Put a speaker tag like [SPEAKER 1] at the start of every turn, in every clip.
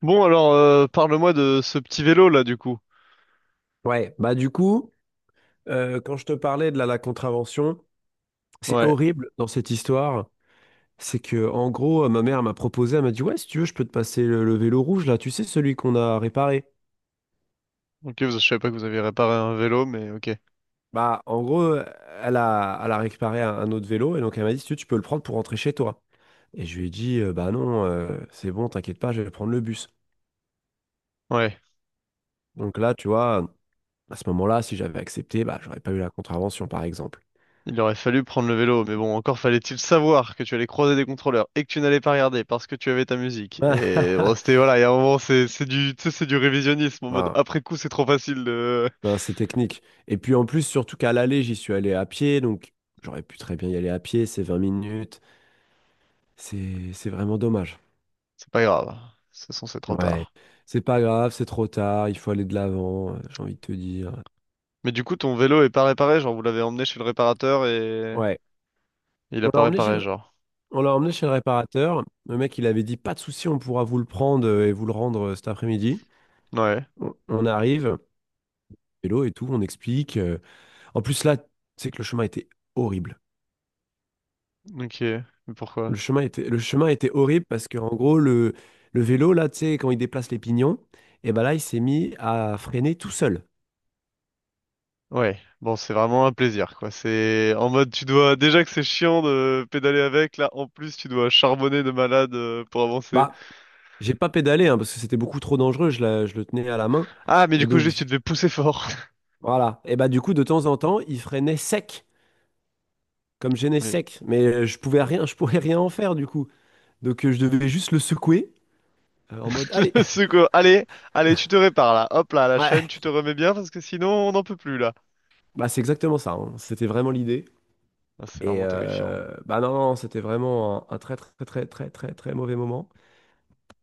[SPEAKER 1] Bon, alors, parle-moi de ce petit vélo là, du coup.
[SPEAKER 2] Ouais, bah du coup, quand je te parlais de la contravention, c'est
[SPEAKER 1] Ouais.
[SPEAKER 2] horrible dans cette histoire. C'est que en gros, ma mère m'a proposé, elle m'a dit, ouais, si tu veux, je peux te passer le vélo rouge là, tu sais, celui qu'on a réparé.
[SPEAKER 1] Ok, je savais pas que vous aviez réparé un vélo, mais ok.
[SPEAKER 2] Bah en gros, elle a réparé un autre vélo et donc elle m'a dit, si tu veux, tu peux le prendre pour rentrer chez toi. Et je lui ai dit, bah non, c'est bon, t'inquiète pas, je vais prendre le bus.
[SPEAKER 1] Ouais.
[SPEAKER 2] Donc là, tu vois, à ce moment-là, si j'avais accepté, bah j'aurais pas eu la contravention, par exemple.
[SPEAKER 1] Il aurait fallu prendre le vélo, mais bon, encore fallait-il savoir que tu allais croiser des contrôleurs et que tu n'allais pas regarder parce que tu avais ta musique. Et bon, c'était, voilà, il y a un moment, tu sais, c'est du révisionnisme en mode
[SPEAKER 2] Ouais,
[SPEAKER 1] après coup, c'est trop facile de.
[SPEAKER 2] non, c'est technique. Et puis en plus, surtout qu'à l'aller, j'y suis allé à pied, donc j'aurais pu très bien y aller à pied, c'est 20 minutes. C'est vraiment dommage.
[SPEAKER 1] C'est pas grave. De toute façon, c'est trop
[SPEAKER 2] Ouais,
[SPEAKER 1] tard.
[SPEAKER 2] c'est pas grave, c'est trop tard, il faut aller de l'avant, j'ai envie de te dire.
[SPEAKER 1] Mais du coup, ton vélo est pas réparé, genre, vous l'avez emmené chez le réparateur et
[SPEAKER 2] Ouais,
[SPEAKER 1] il a
[SPEAKER 2] on
[SPEAKER 1] pas
[SPEAKER 2] l'a emmené chez
[SPEAKER 1] réparé,
[SPEAKER 2] le...
[SPEAKER 1] genre.
[SPEAKER 2] on l'a emmené chez le réparateur. Le mec, il avait dit, pas de souci, on pourra vous le prendre et vous le rendre cet après-midi.
[SPEAKER 1] Ouais.
[SPEAKER 2] On arrive, vélo et tout, on explique. En plus, là, c'est que le chemin était horrible.
[SPEAKER 1] Ok. Mais
[SPEAKER 2] Le
[SPEAKER 1] pourquoi?
[SPEAKER 2] chemin était, le chemin était horrible parce que, en gros, le vélo, là, tu sais, quand il déplace les pignons, et ben là, il s'est mis à freiner tout seul.
[SPEAKER 1] Ouais, bon, c'est vraiment un plaisir, quoi. C'est en mode, tu dois, déjà que c'est chiant de pédaler avec, là, en plus, tu dois charbonner de malade pour avancer.
[SPEAKER 2] Bah, j'ai pas pédalé, hein, parce que c'était beaucoup trop dangereux, je le tenais à la main.
[SPEAKER 1] Ah, mais du
[SPEAKER 2] Et
[SPEAKER 1] coup,
[SPEAKER 2] donc,
[SPEAKER 1] juste, tu devais pousser fort.
[SPEAKER 2] voilà. Et bah, du coup, de temps en temps, il freinait sec, comme gêné
[SPEAKER 1] Mais,
[SPEAKER 2] sec. Mais je pouvais rien en faire, du coup. Donc, je devais juste le secouer, en mode, allez.
[SPEAKER 1] c'est quoi? Allez, allez, tu te répares, là. Hop, là, la chaîne,
[SPEAKER 2] Ouais,
[SPEAKER 1] tu te remets bien, parce que sinon, on n'en peut plus, là.
[SPEAKER 2] bah, c'est exactement ça, hein. C'était vraiment l'idée.
[SPEAKER 1] Ah, c'est
[SPEAKER 2] Et
[SPEAKER 1] vraiment terrifiant.
[SPEAKER 2] bah non, non, c'était vraiment un très, très, très, très, très, très mauvais moment.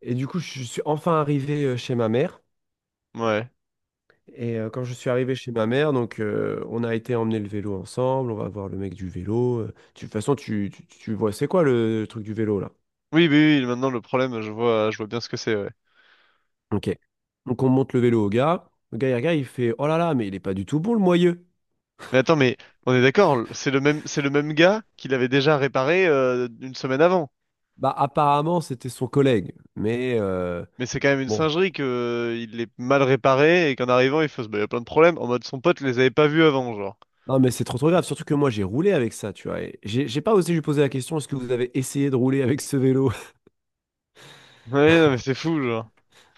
[SPEAKER 2] Et du coup, je suis enfin arrivé chez ma mère.
[SPEAKER 1] Ouais.
[SPEAKER 2] Et quand je suis arrivé chez ma mère, donc on a été emmener le vélo ensemble, on va voir le mec du vélo. De toute façon, tu vois, c'est quoi truc du vélo là?
[SPEAKER 1] Oui, oui, oui, maintenant, le problème, je vois bien ce que c'est, ouais.
[SPEAKER 2] Ok. Donc on monte le vélo au gars. Le gars, il regarde, il fait, oh là là, mais il est pas du tout bon le moyeu.
[SPEAKER 1] Mais attends, mais on est d'accord, c'est le même gars qui l'avait déjà réparé une semaine avant.
[SPEAKER 2] Bah apparemment, c'était son collègue. Mais
[SPEAKER 1] Mais c'est quand même une
[SPEAKER 2] bon,
[SPEAKER 1] singerie que il est mal réparé et qu'en arrivant, bah, il y a plein de problèmes. En mode, son pote les avait pas vus avant, genre.
[SPEAKER 2] non, mais c'est trop trop grave, surtout que moi j'ai roulé avec ça, tu vois. Et j'ai pas osé lui poser la question, est-ce que vous avez essayé de rouler avec ce vélo?
[SPEAKER 1] Ouais, non, mais c'est fou, genre.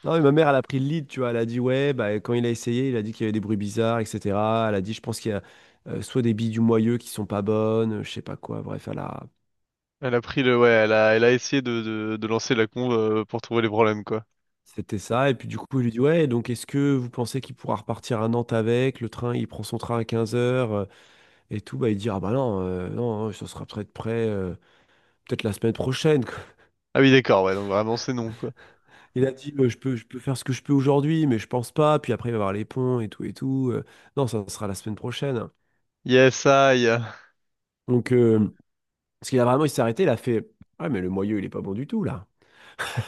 [SPEAKER 2] Non, mais ma mère, elle a pris le lead, tu vois. Elle a dit, ouais, bah, quand il a essayé, il a dit qu'il y avait des bruits bizarres, etc. Elle a dit, je pense qu'il y a soit des billes du moyeu qui sont pas bonnes, je sais pas quoi. Bref,
[SPEAKER 1] Elle a pris le... Ouais, elle a essayé de lancer la conve pour trouver les problèmes, quoi.
[SPEAKER 2] c'était ça. Et puis du coup, il lui dit, ouais, donc est-ce que vous pensez qu'il pourra repartir à Nantes avec? Le train, il prend son train à 15 heures et tout. Bah, il dit, ah bah non, non, hein, ça sera peut-être prêt. Peut-être la semaine prochaine.
[SPEAKER 1] Ah oui, d'accord, ouais, donc vraiment, c'est non, quoi.
[SPEAKER 2] Il a dit, je peux faire ce que je peux aujourd'hui, mais je pense pas. Puis après, il va y avoir les ponts et tout et tout. Non, ça sera la semaine prochaine.
[SPEAKER 1] Yes, aïe.
[SPEAKER 2] Donc, parce qu'il a vraiment, il s'est arrêté, il a fait, ouais, mais le moyeu, il est pas bon du tout, là.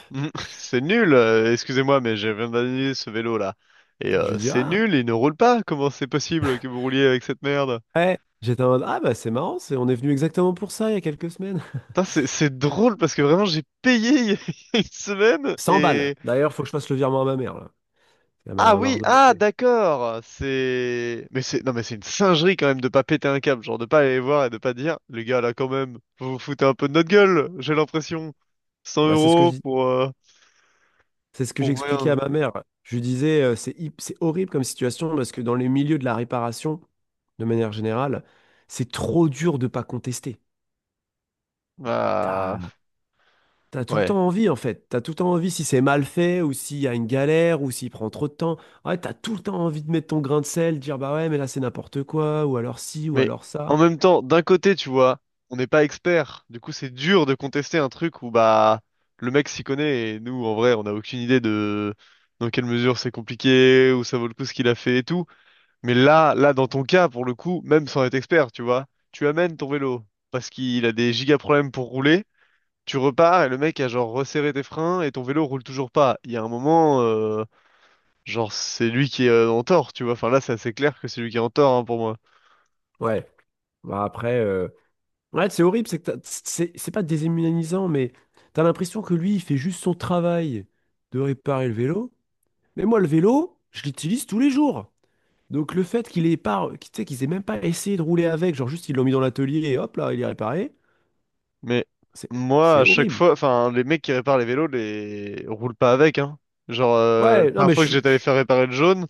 [SPEAKER 1] C'est nul, excusez-moi, mais j'ai viens d'annuler ce vélo-là. Et
[SPEAKER 2] Je lui dis,
[SPEAKER 1] c'est
[SPEAKER 2] ah,
[SPEAKER 1] nul, il ne roule pas. Comment c'est possible que vous rouliez avec cette merde?
[SPEAKER 2] ouais. J'étais en mode, ah, bah, c'est marrant, on est venu exactement pour ça il y a quelques semaines.
[SPEAKER 1] Putain, c'est drôle parce que vraiment, j'ai payé il y a une semaine
[SPEAKER 2] 100 balles.
[SPEAKER 1] et.
[SPEAKER 2] D'ailleurs, faut que je fasse le virement à ma mère, là. Elle
[SPEAKER 1] Ah
[SPEAKER 2] m'a
[SPEAKER 1] oui, ah
[SPEAKER 2] redemandé.
[SPEAKER 1] d'accord, c'est. Mais c'est. Non mais c'est une singerie quand même de pas péter un câble, genre de pas aller voir et de pas dire, les gars là quand même, vous vous foutez un peu de notre gueule, j'ai l'impression, 100
[SPEAKER 2] Ouais, c'est ce que je
[SPEAKER 1] euros
[SPEAKER 2] dis.
[SPEAKER 1] pour, euh,
[SPEAKER 2] C'est ce que
[SPEAKER 1] pour
[SPEAKER 2] j'expliquais à
[SPEAKER 1] rien.
[SPEAKER 2] ma mère. Je lui disais, c'est horrible comme situation parce que dans les milieux de la réparation, de manière générale, c'est trop dur de pas contester.
[SPEAKER 1] Bah
[SPEAKER 2] T'as- T'as tout le temps
[SPEAKER 1] ouais.
[SPEAKER 2] envie en fait, t'as tout le temps envie si c'est mal fait ou s'il y a une galère ou s'il prend trop de temps. Ouais, t'as tout le temps envie de mettre ton grain de sel, de dire bah ouais mais là c'est n'importe quoi ou alors ci ou
[SPEAKER 1] Mais
[SPEAKER 2] alors ça.
[SPEAKER 1] en même temps, d'un côté tu vois, on n'est pas experts, du coup c'est dur de contester un truc où bah le mec s'y connaît et nous en vrai on n'a aucune idée de dans quelle mesure c'est compliqué, où ça vaut le coup ce qu'il a fait et tout. Mais là, là, dans ton cas, pour le coup, même sans être expert, tu vois, tu amènes ton vélo parce qu'il a des giga problèmes pour rouler. Tu repars et le mec a genre resserré tes freins et ton vélo roule toujours pas. Il y a un moment, genre c'est lui qui est en tort, tu vois. Enfin là, c'est assez clair que c'est lui qui est en tort hein, pour moi.
[SPEAKER 2] Ouais, bah après, ouais c'est horrible, c'est pas déshumanisant mais t'as l'impression que lui il fait juste son travail de réparer le vélo. Mais moi le vélo, je l'utilise tous les jours. Donc le fait qu'il ait pas, tu sais qu'ils aient même pas essayé de rouler avec, genre juste ils l'ont mis dans l'atelier et hop là il est réparé,
[SPEAKER 1] Mais
[SPEAKER 2] c'est
[SPEAKER 1] moi,
[SPEAKER 2] c'est
[SPEAKER 1] à chaque
[SPEAKER 2] horrible.
[SPEAKER 1] fois, enfin les mecs qui réparent les vélos, les roulent pas avec, hein. Genre la
[SPEAKER 2] Ouais, non
[SPEAKER 1] première
[SPEAKER 2] mais je
[SPEAKER 1] fois que
[SPEAKER 2] suis
[SPEAKER 1] j'étais allé faire réparer le jaune.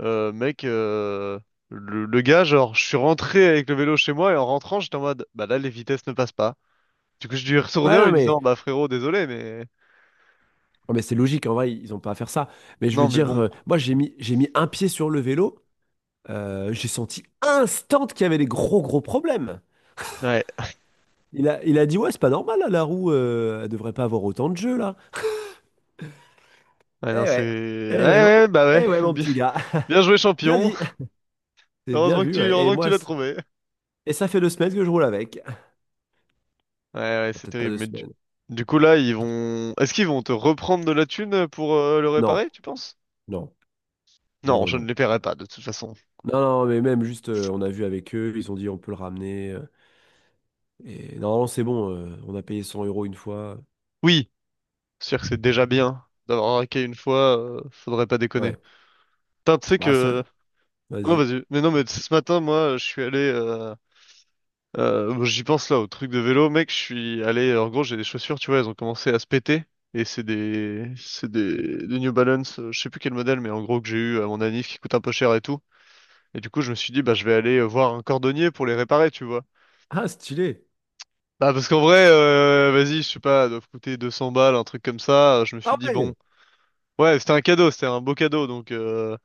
[SPEAKER 1] Mec, le gars, genre, je suis rentré avec le vélo chez moi et en rentrant, j'étais en mode, bah là, les vitesses ne passent pas. Du coup, je dû y retourner
[SPEAKER 2] Ouais,
[SPEAKER 1] en
[SPEAKER 2] non,
[SPEAKER 1] lui
[SPEAKER 2] mais,
[SPEAKER 1] disant, bah frérot, désolé, mais
[SPEAKER 2] non, mais c'est logique, en vrai, ils n'ont pas à faire ça. Mais je veux
[SPEAKER 1] non, mais
[SPEAKER 2] dire,
[SPEAKER 1] bon.
[SPEAKER 2] moi, j'ai mis un pied sur le vélo, j'ai senti instant qu'il y avait des gros, gros problèmes.
[SPEAKER 1] Ouais,
[SPEAKER 2] Il a dit, ouais, c'est pas normal, là, la roue, elle devrait pas avoir autant de jeu, là.
[SPEAKER 1] ouais, non,
[SPEAKER 2] Eh
[SPEAKER 1] c'est,
[SPEAKER 2] ouais,
[SPEAKER 1] ouais,
[SPEAKER 2] eh ouais, mon,
[SPEAKER 1] ouais, bah ouais,
[SPEAKER 2] eh ouais, mon
[SPEAKER 1] bien,
[SPEAKER 2] petit gars.
[SPEAKER 1] bien joué,
[SPEAKER 2] Bien
[SPEAKER 1] champion.
[SPEAKER 2] dit, c'est bien vu, ouais. Et
[SPEAKER 1] Heureusement que tu
[SPEAKER 2] moi,
[SPEAKER 1] l'as
[SPEAKER 2] c'est-
[SPEAKER 1] trouvé.
[SPEAKER 2] et ça fait 2 semaines que je roule avec. Ah,
[SPEAKER 1] Ouais, ouais, c'est
[SPEAKER 2] peut-être pas
[SPEAKER 1] terrible.
[SPEAKER 2] deux
[SPEAKER 1] Mais du,
[SPEAKER 2] semaines.
[SPEAKER 1] du coup, là,
[SPEAKER 2] Peut-être-
[SPEAKER 1] est-ce qu'ils vont te reprendre de la thune pour le
[SPEAKER 2] Non,
[SPEAKER 1] réparer, tu penses?
[SPEAKER 2] non, non,
[SPEAKER 1] Non,
[SPEAKER 2] non,
[SPEAKER 1] je
[SPEAKER 2] non.
[SPEAKER 1] ne les paierai pas, de toute façon.
[SPEAKER 2] Non, non, mais même juste, on a vu avec eux, ils ont dit on peut le ramener. Et normalement, c'est bon, on a payé 100 euros une fois.
[SPEAKER 1] Oui, c'est sûr que c'est déjà bien d'avoir raqué une fois, faudrait pas déconner.
[SPEAKER 2] Ouais.
[SPEAKER 1] Putain, tu sais
[SPEAKER 2] Bah, ça...
[SPEAKER 1] que. Non,
[SPEAKER 2] Vas-y.
[SPEAKER 1] vas-y. Mais non, mais tu sais, ce matin, moi, je suis allé. Bon, j'y pense là, au truc de vélo, mec. Je suis allé. En gros, j'ai des chaussures, tu vois, elles ont commencé à se péter. Et des New Balance, je sais plus quel modèle, mais en gros que j'ai eu à mon anniv qui coûte un peu cher et tout. Et du coup, je me suis dit, bah, je vais aller voir un cordonnier pour les réparer, tu vois.
[SPEAKER 2] Ah, stylé.
[SPEAKER 1] Bah, parce qu'en vrai, vas-y, je sais pas, elles doivent coûter 200 balles, un truc comme ça. Je me suis
[SPEAKER 2] Ah
[SPEAKER 1] dit,
[SPEAKER 2] ouais.
[SPEAKER 1] bon, ouais, c'était un cadeau, c'était un beau cadeau, donc.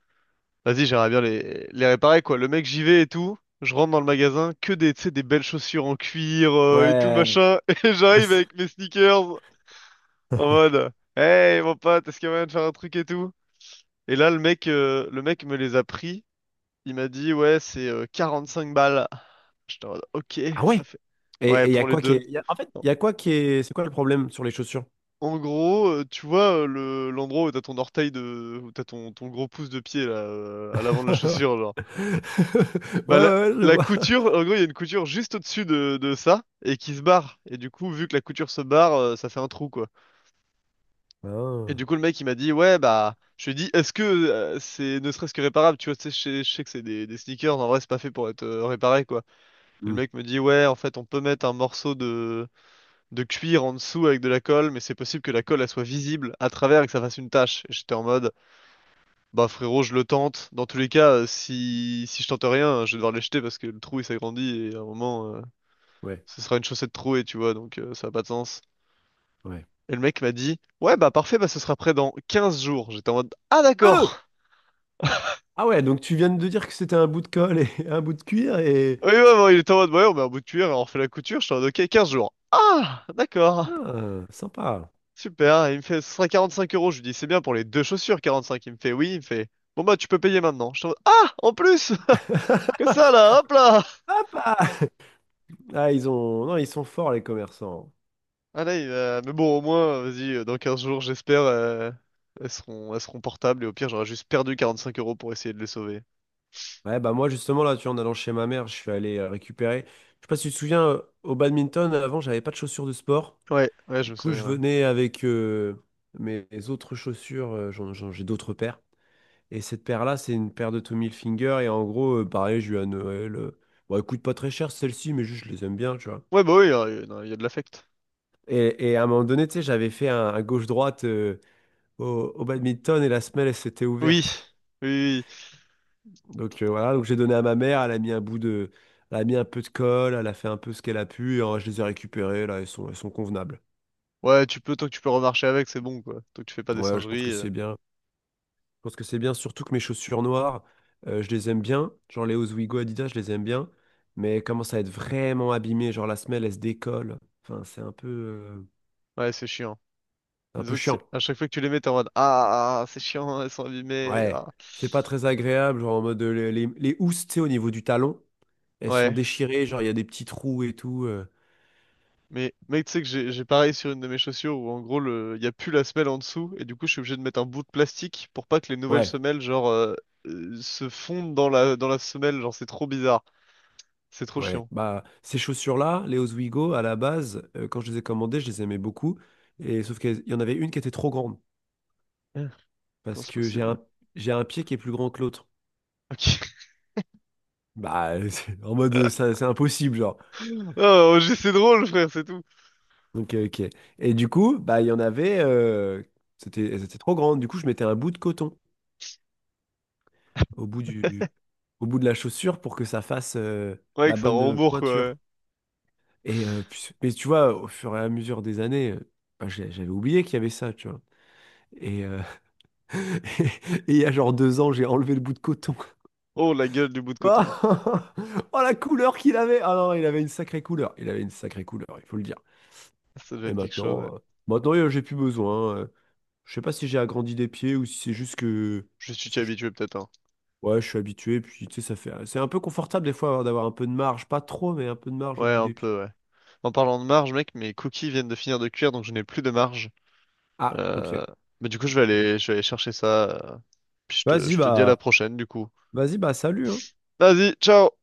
[SPEAKER 1] Vas-y, j'aimerais bien les réparer, quoi. Le mec, j'y vais et tout. Je rentre dans le magasin, que des, tu sais, des belles chaussures en cuir et tout,
[SPEAKER 2] Ouais.
[SPEAKER 1] machin. Et
[SPEAKER 2] Ah,
[SPEAKER 1] j'arrive avec mes sneakers en mode, hey, mon pote, est-ce qu'il y a moyen de faire un truc et tout? Et là, le mec me les a pris. Il m'a dit, ouais, c'est 45 balles. J'étais en mode, ok,
[SPEAKER 2] ah ouais.
[SPEAKER 1] ça fait. Ouais,
[SPEAKER 2] Et il y a
[SPEAKER 1] pour les
[SPEAKER 2] quoi qui
[SPEAKER 1] deux.
[SPEAKER 2] est... En fait, il y a quoi qui est... C'est quoi le problème sur les chaussures?
[SPEAKER 1] En gros, tu vois, l'endroit où t'as ton orteil de, où t'as ton gros pouce de pied, là, à l'avant de la chaussure.
[SPEAKER 2] Ouais,
[SPEAKER 1] Bah
[SPEAKER 2] ouais,
[SPEAKER 1] la,
[SPEAKER 2] ouais, je
[SPEAKER 1] la
[SPEAKER 2] vois.
[SPEAKER 1] couture, en gros, il y a une couture juste au-dessus de ça et qui se barre. Et du coup, vu que la couture se barre, ça fait un trou quoi. Et
[SPEAKER 2] Ah.
[SPEAKER 1] du coup, le mec il m'a dit ouais bah, je lui ai dit est-ce que c'est ne serait-ce que réparable? Tu vois, tu sais, je sais que c'est des sneakers, en vrai c'est pas fait pour être réparé quoi. Et le
[SPEAKER 2] Hmm.
[SPEAKER 1] mec me dit ouais en fait on peut mettre un morceau de cuir en dessous avec de la colle, mais c'est possible que la colle elle soit visible à travers et que ça fasse une tache. Et j'étais en mode bah frérot je le tente. Dans tous les cas, si je tente rien, je vais devoir les jeter parce que le trou il s'agrandit et à un moment,
[SPEAKER 2] Ouais,
[SPEAKER 1] ce sera une chaussette trouée, tu vois, donc ça n'a pas de sens.
[SPEAKER 2] ouais.
[SPEAKER 1] Et le mec m'a dit, ouais, bah parfait, bah ce sera prêt dans 15 jours. J'étais en mode, ah
[SPEAKER 2] Ah,
[SPEAKER 1] d'accord.
[SPEAKER 2] ah ouais, donc tu viens de dire que c'était un bout de colle et un bout de cuir et...
[SPEAKER 1] Oui, ouais, ouais, il était en mode, ouais, on met un bout de cuir et on refait la couture. J'étais en mode, ok, 15 jours. Ah, d'accord.
[SPEAKER 2] Ah, sympa.
[SPEAKER 1] Super. Et il me fait, ce sera 45 euros. Je lui dis, c'est bien pour les deux chaussures, 45. Il me fait, oui, il me fait, bon bah tu peux payer maintenant. J'étais en mode, ah, en plus! Que ça là, hop là!
[SPEAKER 2] Sympa. Ah, ils ont... Non, ils sont forts, les commerçants.
[SPEAKER 1] Ah là, mais bon, au moins, vas-y, dans 15 jours, j'espère, elles seront portables et au pire, j'aurais juste perdu 45 € pour essayer de les sauver.
[SPEAKER 2] Ouais, bah moi justement là, tu vois, en allant chez ma mère, je suis allé récupérer. Je sais pas si tu te souviens, au badminton, avant, j'avais pas de chaussures de sport.
[SPEAKER 1] Ouais, ouais, je
[SPEAKER 2] Du
[SPEAKER 1] me
[SPEAKER 2] coup, je
[SPEAKER 1] souviens. Ouais.
[SPEAKER 2] venais avec mes autres chaussures, j'ai d'autres paires. Et cette paire-là, c'est une paire de Tommy Hilfiger. Et en gros, pareil, j'ai eu à Noël. Bon, elle coûte pas très cher celle-ci, mais juste je les aime bien, tu vois.
[SPEAKER 1] Ouais, bah oui, non, il y a de l'affect.
[SPEAKER 2] Et à un moment donné, tu sais, j'avais fait un gauche-droite au badminton et la semelle, elle s'était
[SPEAKER 1] Oui,
[SPEAKER 2] ouverte.
[SPEAKER 1] oui, oui.
[SPEAKER 2] Donc voilà, donc j'ai donné à ma mère, elle a mis un peu de colle, elle a fait un peu ce qu'elle a pu, et je les ai récupérées, là, elles sont convenables.
[SPEAKER 1] Ouais, tu peux, tant que tu peux remarcher avec, c'est bon, quoi. Tant que tu fais pas des
[SPEAKER 2] Ouais, je pense que
[SPEAKER 1] singeries.
[SPEAKER 2] c'est bien. Je pense que c'est bien, surtout que mes chaussures noires, je les aime bien. Genre les Oswego Adidas, je les aime bien. Mais elles commencent à être vraiment abîmées, genre la semelle, elle se décolle. Enfin, c'est un peu, euh,
[SPEAKER 1] Ouais, c'est chiant.
[SPEAKER 2] un peu
[SPEAKER 1] Disons que
[SPEAKER 2] chiant.
[SPEAKER 1] à chaque fois que tu les mets, t'es en mode, ah, ah, ah, c'est chiant, elles sont abîmées.
[SPEAKER 2] Ouais,
[SPEAKER 1] Ah.
[SPEAKER 2] c'est pas très agréable, genre en mode les housses, tu sais, au niveau du talon, elles sont
[SPEAKER 1] Ouais.
[SPEAKER 2] déchirées, genre il y a des petits trous et tout.
[SPEAKER 1] Mais, mec, tu sais que j'ai pareil sur une de mes chaussures où, en gros, il y a plus la semelle en dessous et du coup, je suis obligé de mettre un bout de plastique pour pas que les nouvelles
[SPEAKER 2] Ouais.
[SPEAKER 1] semelles, genre, se fondent dans la semelle. Genre, c'est trop bizarre. C'est trop
[SPEAKER 2] Ouais,
[SPEAKER 1] chiant.
[SPEAKER 2] bah ces chaussures-là, les Oswego, à la base, quand je les ai commandées, je les aimais beaucoup. Et sauf qu'il y en avait une qui était trop grande.
[SPEAKER 1] Hein, comment
[SPEAKER 2] Parce
[SPEAKER 1] c'est
[SPEAKER 2] que j'ai
[SPEAKER 1] possible?
[SPEAKER 2] un, j'ai un pied qui est plus grand que l'autre.
[SPEAKER 1] Ok.
[SPEAKER 2] Bah, en mode ça, c'est impossible, genre.
[SPEAKER 1] Oh, oh, c'est drôle, frère, c'est tout.
[SPEAKER 2] Donc, ok. Et du coup, bah il y en avait. Elles étaient trop grandes. Du coup, je mettais un bout de coton au bout du, au bout de la chaussure pour que ça fasse
[SPEAKER 1] Ouais,
[SPEAKER 2] la
[SPEAKER 1] que ça
[SPEAKER 2] bonne
[SPEAKER 1] rembourre, quoi. Ouais.
[SPEAKER 2] pointure. Et mais tu vois, au fur et à mesure des années, bah, j'avais oublié qu'il y avait ça, tu vois. Et, euh, Et il y a genre 2 ans, j'ai enlevé le bout de coton.
[SPEAKER 1] Oh, la gueule du bout de coton.
[SPEAKER 2] Oh, oh, la couleur qu'il avait! Ah non, il avait une sacrée couleur. Il avait une sacrée couleur, il faut le dire.
[SPEAKER 1] Ça doit
[SPEAKER 2] Et
[SPEAKER 1] être quelque chose, ouais.
[SPEAKER 2] maintenant, j'ai plus besoin. Je sais pas si j'ai agrandi des pieds ou si c'est juste que.
[SPEAKER 1] Je suis
[SPEAKER 2] c'est- je-
[SPEAKER 1] habitué peut-être, hein.
[SPEAKER 2] Ouais, je suis habitué, puis tu sais, ça fait. C'est un peu confortable des fois d'avoir un peu de marge. Pas trop, mais un peu de marge au
[SPEAKER 1] Ouais,
[SPEAKER 2] bout
[SPEAKER 1] un
[SPEAKER 2] des pieds.
[SPEAKER 1] peu, ouais. En parlant de marge, mec, mes cookies viennent de finir de cuire, donc je n'ai plus de marge.
[SPEAKER 2] Ah, ok.
[SPEAKER 1] Euh... Mais du coup, je vais aller chercher ça. Puis je te,
[SPEAKER 2] Vas-y,
[SPEAKER 1] je te dis à la
[SPEAKER 2] bah.
[SPEAKER 1] prochaine, du coup.
[SPEAKER 2] Vas-y, bah, salut, hein.
[SPEAKER 1] Vas-y, ciao!